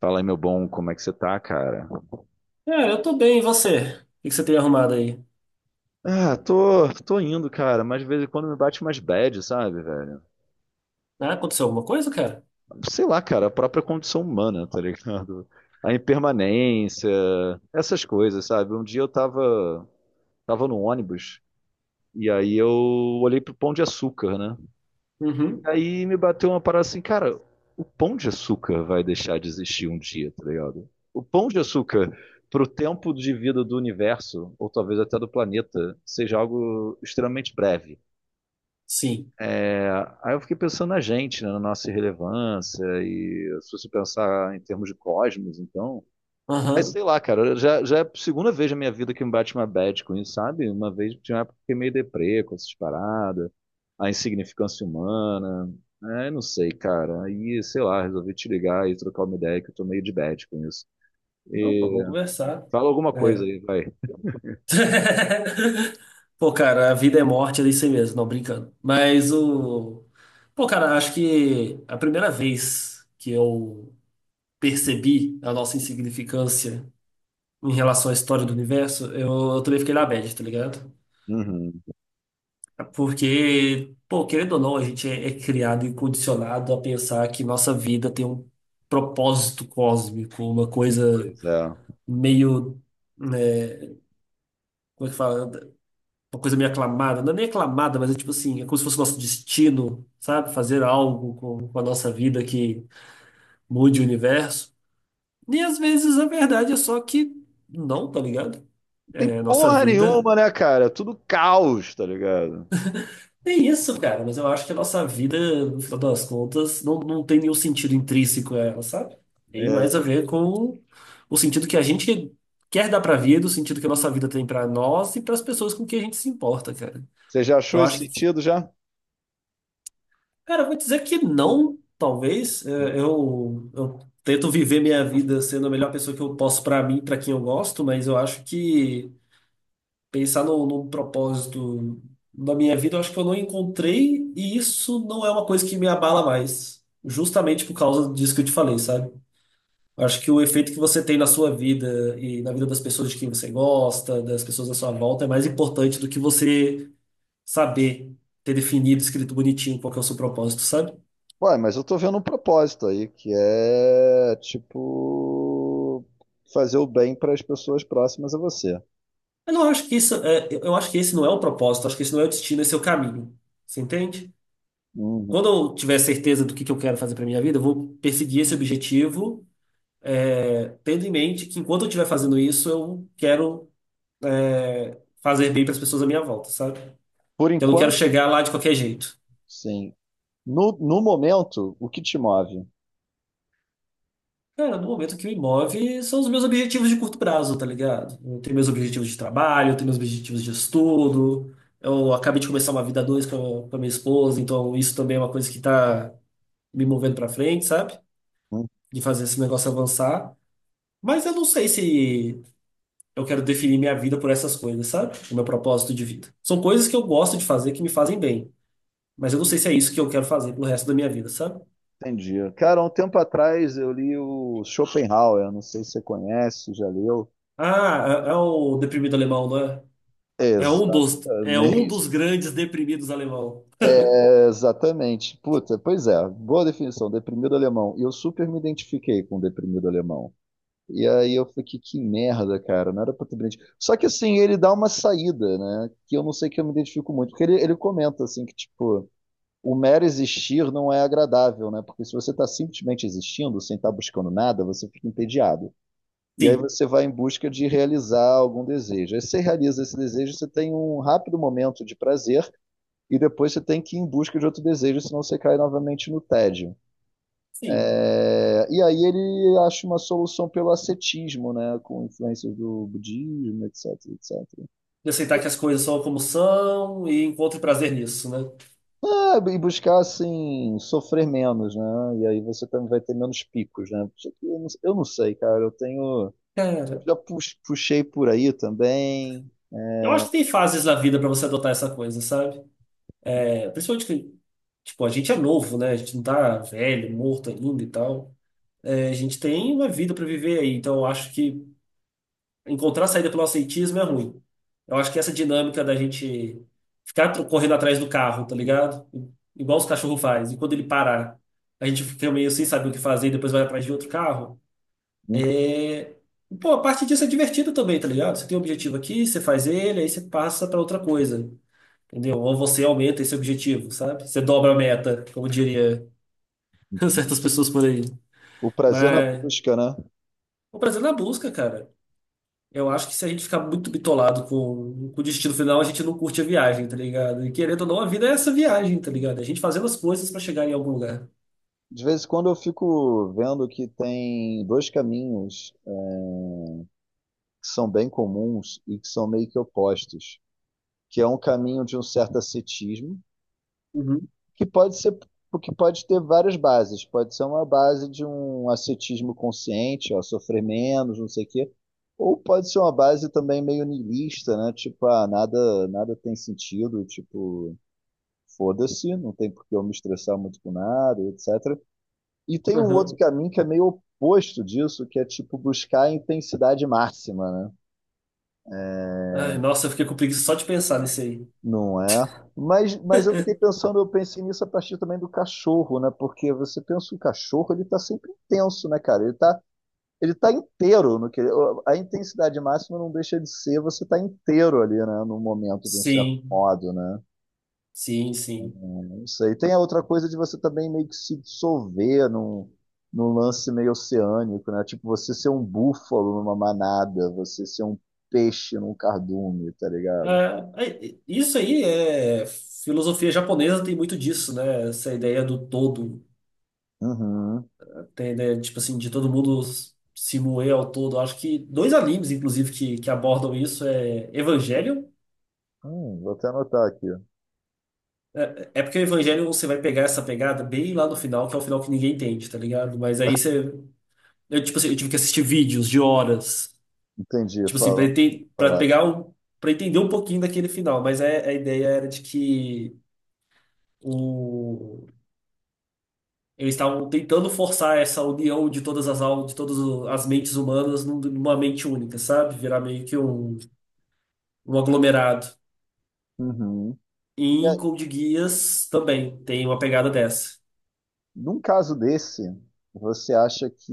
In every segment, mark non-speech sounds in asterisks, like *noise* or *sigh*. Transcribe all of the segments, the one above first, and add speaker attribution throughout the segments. Speaker 1: Fala aí, meu bom, como é que você tá, cara?
Speaker 2: É, eu tô bem, e você? O que que você tem arrumado aí?
Speaker 1: Ah, tô indo, cara, mas de vez em quando me bate umas bad, sabe, velho?
Speaker 2: Ah, aconteceu alguma coisa, cara?
Speaker 1: Sei lá, cara, a própria condição humana, tá ligado? A impermanência, essas coisas, sabe? Um dia eu tava no ônibus e aí eu olhei pro Pão de Açúcar, né? E
Speaker 2: Uhum.
Speaker 1: aí me bateu uma parada assim, cara, o pão de açúcar vai deixar de existir um dia, tá ligado? O pão de açúcar pro tempo de vida do universo, ou talvez até do planeta, seja algo extremamente breve.
Speaker 2: Sim.
Speaker 1: É, aí eu fiquei pensando na gente, né, na nossa irrelevância, e se você pensar em termos de cosmos, então, mas
Speaker 2: Aham.
Speaker 1: sei lá, cara, já é a segunda vez na minha vida que me bate uma bad com isso, sabe? Uma vez tinha uma época que fiquei meio deprê com essas paradas, a insignificância humana. É, não sei, cara. Aí, sei lá, resolvi te ligar e trocar uma ideia que eu tô meio de bad com isso.
Speaker 2: Opa,
Speaker 1: E
Speaker 2: vamos conversar.
Speaker 1: fala alguma coisa
Speaker 2: É.
Speaker 1: aí, vai.
Speaker 2: *laughs* Pô, cara, a vida é morte, é isso aí mesmo, não brincando. Mas o. Pô, cara, acho que a primeira vez que eu percebi a nossa insignificância em relação à história do universo, eu também fiquei na bad, tá ligado?
Speaker 1: Uhum,
Speaker 2: Porque, pô, querendo ou não, a gente é criado e condicionado a pensar que nossa vida tem um propósito cósmico, uma coisa
Speaker 1: pois é. Não
Speaker 2: meio, né, como é que fala? Uma coisa meio aclamada, não é nem aclamada, mas é tipo assim, é como se fosse nosso destino, sabe? Fazer algo com a nossa vida que mude o universo. E às vezes a verdade é só que não, tá ligado?
Speaker 1: tem
Speaker 2: É, nossa
Speaker 1: porra
Speaker 2: vida.
Speaker 1: nenhuma, né, cara? Tudo caos, tá ligado?
Speaker 2: É isso, cara, mas eu acho que a nossa vida, no final das contas, não tem nenhum sentido intrínseco a ela, sabe? Tem mais a
Speaker 1: Exato.
Speaker 2: ver com o sentido que a gente quer dar pra vida, o sentido que a nossa vida tem pra nós e pras pessoas com quem a gente se importa, cara.
Speaker 1: Você já achou
Speaker 2: Eu
Speaker 1: esse
Speaker 2: acho que,
Speaker 1: sentido já?
Speaker 2: cara, eu vou dizer que não, talvez. É, eu tento viver minha vida sendo a melhor pessoa que eu posso pra mim, pra quem eu gosto, mas eu acho que. Pensar no propósito da minha vida, eu acho que eu não encontrei, e isso não é uma coisa que me abala mais, justamente por causa disso que eu te falei, sabe? Eu acho que o efeito que você tem na sua vida e na vida das pessoas de quem você gosta, das pessoas à sua volta, é mais importante do que você saber ter definido, escrito bonitinho qual que é o seu propósito, sabe?
Speaker 1: Ué, mas eu tô vendo um propósito aí, que é, tipo, fazer o bem para as pessoas próximas a você.
Speaker 2: Eu não acho que isso é, eu acho que esse não é o propósito, acho que esse não é o destino, esse é o caminho. Você entende?
Speaker 1: Uhum.
Speaker 2: Quando eu tiver certeza do que eu quero fazer para minha vida, eu vou perseguir esse objetivo é, tendo em mente que enquanto eu estiver fazendo isso, eu quero é, fazer bem para as pessoas à minha volta, sabe?
Speaker 1: Por
Speaker 2: Então, eu não quero
Speaker 1: enquanto,
Speaker 2: chegar lá de qualquer jeito.
Speaker 1: sim. No momento, o que te move?
Speaker 2: Cara, no momento que me move são os meus objetivos de curto prazo, tá ligado? Eu tenho meus objetivos de trabalho, eu tenho meus objetivos de estudo. Eu acabei de começar uma vida a dois com a minha esposa, então isso também é uma coisa que tá me movendo para frente, sabe? De fazer esse negócio avançar. Mas eu não sei se eu quero definir minha vida por essas coisas, sabe? O meu propósito de vida. São coisas que eu gosto de fazer que me fazem bem, mas eu não sei se é isso que eu quero fazer pro resto da minha vida, sabe?
Speaker 1: Entendi. Cara, há um tempo atrás eu li o Schopenhauer, não sei se você conhece, já leu.
Speaker 2: Ah, é, é o deprimido alemão, não é? É um
Speaker 1: Exatamente.
Speaker 2: dos
Speaker 1: *laughs*
Speaker 2: grandes deprimidos alemão.
Speaker 1: É, exatamente. Puta, pois é, boa definição, deprimido alemão. E eu super me identifiquei com o deprimido alemão. E aí eu fiquei, que merda, cara, não era pra ter brinde. Só que assim, ele dá uma saída, né? Que eu não sei que eu me identifico muito, porque ele comenta assim que, tipo, o mero existir não é agradável, né? Porque se você tá simplesmente existindo, sem estar buscando nada, você fica entediado. E aí
Speaker 2: Sim,
Speaker 1: você vai em busca de realizar algum desejo. Aí você realiza esse desejo, você tem um rápido momento de prazer, e depois você tem que ir em busca de outro desejo, senão você cai novamente no tédio.
Speaker 2: sim.
Speaker 1: É, e aí ele acha uma solução pelo ascetismo, né, com influências do budismo, etc, etc.
Speaker 2: De aceitar que as coisas são como são e encontre prazer nisso, né?
Speaker 1: É, e buscar assim sofrer menos, né? E aí você também vai ter menos picos, né? Só que eu não sei, cara. Eu tenho, eu
Speaker 2: Cara,
Speaker 1: puxei por aí também.
Speaker 2: eu acho que tem fases na vida pra você adotar essa coisa, sabe? É, principalmente que, tipo, a gente é novo, né? A gente não tá velho, morto ainda e tal. É, a gente tem uma vida para viver aí, então eu acho que encontrar saída pelo aceitismo é ruim. Eu acho que essa dinâmica da gente ficar correndo atrás do carro, tá ligado? Igual os cachorros fazem. E quando ele parar, a gente fica meio sem saber o que fazer e depois vai atrás de outro carro. É, pô, a parte disso é divertido também, tá ligado? Você tem um objetivo aqui, você faz ele, aí você passa para outra coisa, entendeu? Ou você aumenta esse objetivo, sabe? Você dobra a meta, como diria *laughs* certas pessoas por aí.
Speaker 1: O prazer na
Speaker 2: Mas
Speaker 1: busca, né?
Speaker 2: o prazer na busca, cara. Eu acho que se a gente ficar muito bitolado com o destino final, a gente não curte a viagem, tá ligado? E querendo ou não, a vida é essa viagem, tá ligado? A gente fazendo as coisas pra chegar em algum lugar.
Speaker 1: De vez em quando eu fico vendo que tem dois caminhos que são bem comuns e que são meio que opostos, que é um caminho de um certo ascetismo
Speaker 2: Uhum.
Speaker 1: que que pode ter várias bases. Pode ser uma base de um ascetismo consciente, ó, sofrer menos, não sei o quê. Ou pode ser uma base também meio niilista, né? Tipo, ah, nada tem sentido, tipo, foda-se, não tem por que eu me estressar muito com nada, etc. E tem um outro
Speaker 2: Uhum.
Speaker 1: caminho que é meio oposto disso, que é tipo buscar a intensidade máxima, né?
Speaker 2: Ai, nossa, eu fiquei com preguiça só de pensar nisso aí.
Speaker 1: Não é? Mas eu fiquei pensando, eu pensei nisso a partir também do cachorro, né? Porque você pensa o cachorro, ele tá sempre intenso, né, cara? Ele tá inteiro no que a intensidade máxima não deixa de ser, você tá inteiro ali, né, no momento de um certo
Speaker 2: Sim,
Speaker 1: modo, né?
Speaker 2: sim, sim.
Speaker 1: Não sei. Tem a outra coisa de você também meio que se dissolver num, num lance meio oceânico, né? Tipo você ser um búfalo numa manada, você ser um peixe num cardume, tá ligado?
Speaker 2: Ah, é- isso aí é. Filosofia japonesa tem muito disso, né? Essa ideia do todo.
Speaker 1: Uhum.
Speaker 2: Tem a ideia, tipo assim, de todo mundo se moer ao todo. Acho que dois animes, inclusive, que abordam isso é Evangelion.
Speaker 1: Vou até anotar aqui.
Speaker 2: É porque o Evangelho você vai pegar essa pegada bem lá no final, que é o final que ninguém entende, tá ligado? Mas aí você. Eu, tipo assim, eu tive que assistir vídeos de horas,
Speaker 1: Entendi,
Speaker 2: tipo assim, pra,
Speaker 1: falando
Speaker 2: pra
Speaker 1: separado.
Speaker 2: pegar um, pra entender um pouquinho daquele final. Mas é- a ideia era de que o, eles estavam tentando forçar essa união de todas as almas, de todas as mentes humanas numa mente única, sabe? Virar meio que um aglomerado.
Speaker 1: Uhum.
Speaker 2: E
Speaker 1: E
Speaker 2: em
Speaker 1: aí,
Speaker 2: Code Geass também tem uma pegada dessa.
Speaker 1: num caso desse, você acha que.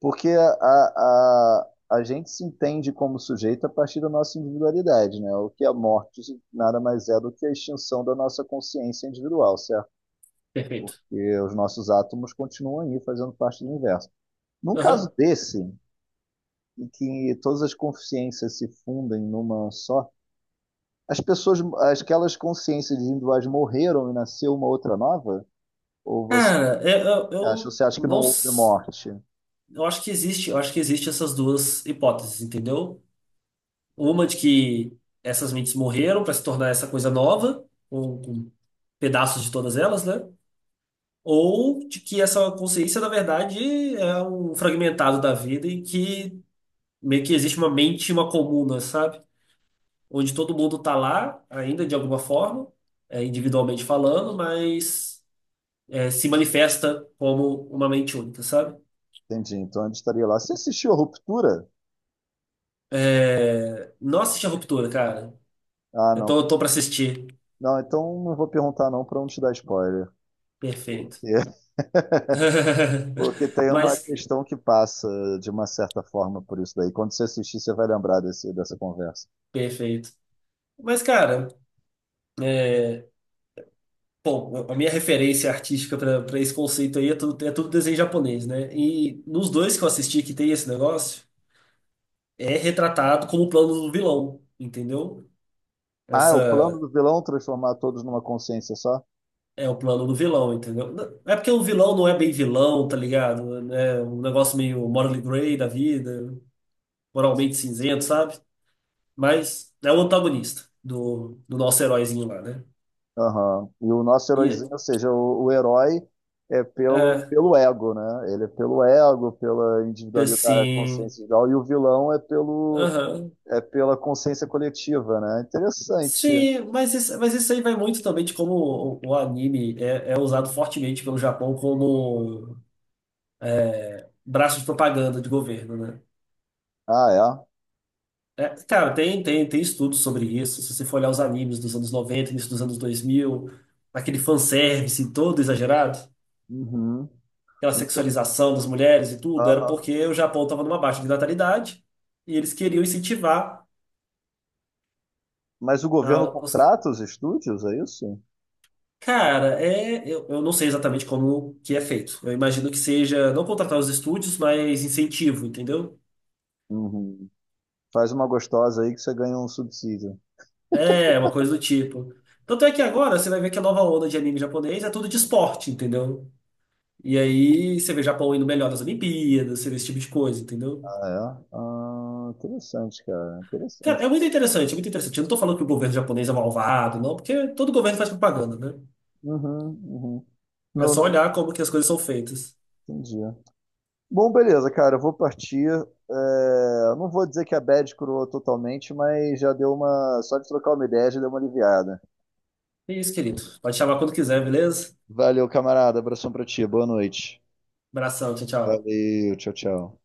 Speaker 1: Porque a gente se entende como sujeito a partir da nossa individualidade, né? O que é a morte nada mais é do que a extinção da nossa consciência individual, certo?
Speaker 2: Perfeito.
Speaker 1: E os nossos átomos continuam aí fazendo parte do universo. Num
Speaker 2: Aham.
Speaker 1: caso desse, em que todas as consciências se fundem numa só, as pessoas, aquelas consciências individuais morreram e nasceu uma outra nova? Ou
Speaker 2: Cara, eu, eu,
Speaker 1: acha-
Speaker 2: eu
Speaker 1: Você acha que
Speaker 2: não.
Speaker 1: não houve morte?
Speaker 2: Eu acho que existe, eu acho que existe essas duas hipóteses, entendeu? Uma de que essas mentes morreram para se tornar essa coisa nova, com pedaços de todas elas, né? Ou de que essa consciência, na verdade, é um fragmentado da vida e que meio que existe uma mente, uma comuna, sabe? Onde todo mundo tá lá, ainda de alguma forma, é, individualmente falando, mas é, se manifesta como uma mente única, sabe?
Speaker 1: Entendi. Então ele estaria lá. Você assistiu a Ruptura?
Speaker 2: É. Nossa, assisti a Ruptura, cara.
Speaker 1: Ah,
Speaker 2: Eu
Speaker 1: não.
Speaker 2: tô, eu tô pra assistir.
Speaker 1: Não, então não vou perguntar não para não te dar spoiler. Porque,
Speaker 2: Perfeito.
Speaker 1: *laughs*
Speaker 2: *laughs*
Speaker 1: porque tem uma
Speaker 2: Mas,
Speaker 1: questão que passa de uma certa forma por isso daí. Quando você assistir, você vai lembrar dessa conversa.
Speaker 2: perfeito. Mas, cara, é. Bom, a minha referência artística pra esse conceito aí é tudo desenho japonês, né? E nos dois que eu assisti que tem esse negócio, é retratado como o plano do vilão, entendeu?
Speaker 1: Ah, é o plano do
Speaker 2: Essa
Speaker 1: vilão transformar todos numa consciência só?
Speaker 2: é o plano do vilão, entendeu? Não- É porque o vilão não é bem vilão, tá ligado? É um negócio meio morally gray da vida, moralmente cinzento, sabe? Mas é o antagonista do, do nosso heróizinho lá, né?
Speaker 1: Aham. E o nosso heróizinho, ou
Speaker 2: E
Speaker 1: seja, o herói é pelo,
Speaker 2: é,
Speaker 1: pelo ego, né? Ele é pelo ego, pela individualidade,
Speaker 2: assim.
Speaker 1: consciência individual, e o vilão é pelo
Speaker 2: Aham.
Speaker 1: é pela consciência coletiva, né? Interessante.
Speaker 2: Sim, mas isso aí vai muito também de como o anime é usado fortemente pelo Japão como braço de propaganda de governo, né?
Speaker 1: Ah, é?
Speaker 2: É, cara, tem estudos sobre isso. Se você for olhar os animes dos anos 90, início dos anos 2000, aquele fanservice todo exagerado,
Speaker 1: Uhum.
Speaker 2: aquela
Speaker 1: Então,
Speaker 2: sexualização das mulheres e tudo, era
Speaker 1: aham.
Speaker 2: porque o Japão estava numa baixa de natalidade e eles queriam incentivar.
Speaker 1: Mas o
Speaker 2: Ah,
Speaker 1: governo
Speaker 2: os-
Speaker 1: contrata os estúdios, é isso?
Speaker 2: Cara, é, eu não sei exatamente como que é feito. Eu imagino que seja não contratar os estúdios, mas incentivo, entendeu?
Speaker 1: Uhum. Faz uma gostosa aí que você ganha um subsídio.
Speaker 2: É, uma coisa do tipo. Tanto é que agora você vai ver que a nova onda de anime japonês é tudo de esporte, entendeu? E aí você vê o Japão indo melhor nas Olimpíadas, você vê esse tipo de coisa, entendeu?
Speaker 1: Ah, é? Ah, interessante, cara.
Speaker 2: Cara,
Speaker 1: Interessante.
Speaker 2: é muito interessante, é muito interessante. Eu não tô falando que o governo japonês é malvado, não, porque todo governo faz propaganda, né?
Speaker 1: Uhum, uhum.
Speaker 2: É
Speaker 1: Não,
Speaker 2: só
Speaker 1: não
Speaker 2: olhar como que as coisas são feitas.
Speaker 1: entendi. Bom, beleza, cara. Eu vou partir. É, não vou dizer que a bad curou totalmente, mas já deu uma. Só de trocar uma ideia já deu uma aliviada.
Speaker 2: É isso, querido. Pode chamar quando quiser, beleza?
Speaker 1: Valeu, camarada. Abração pra ti. Boa noite.
Speaker 2: Abração, tchau, tchau.
Speaker 1: Valeu, tchau, tchau.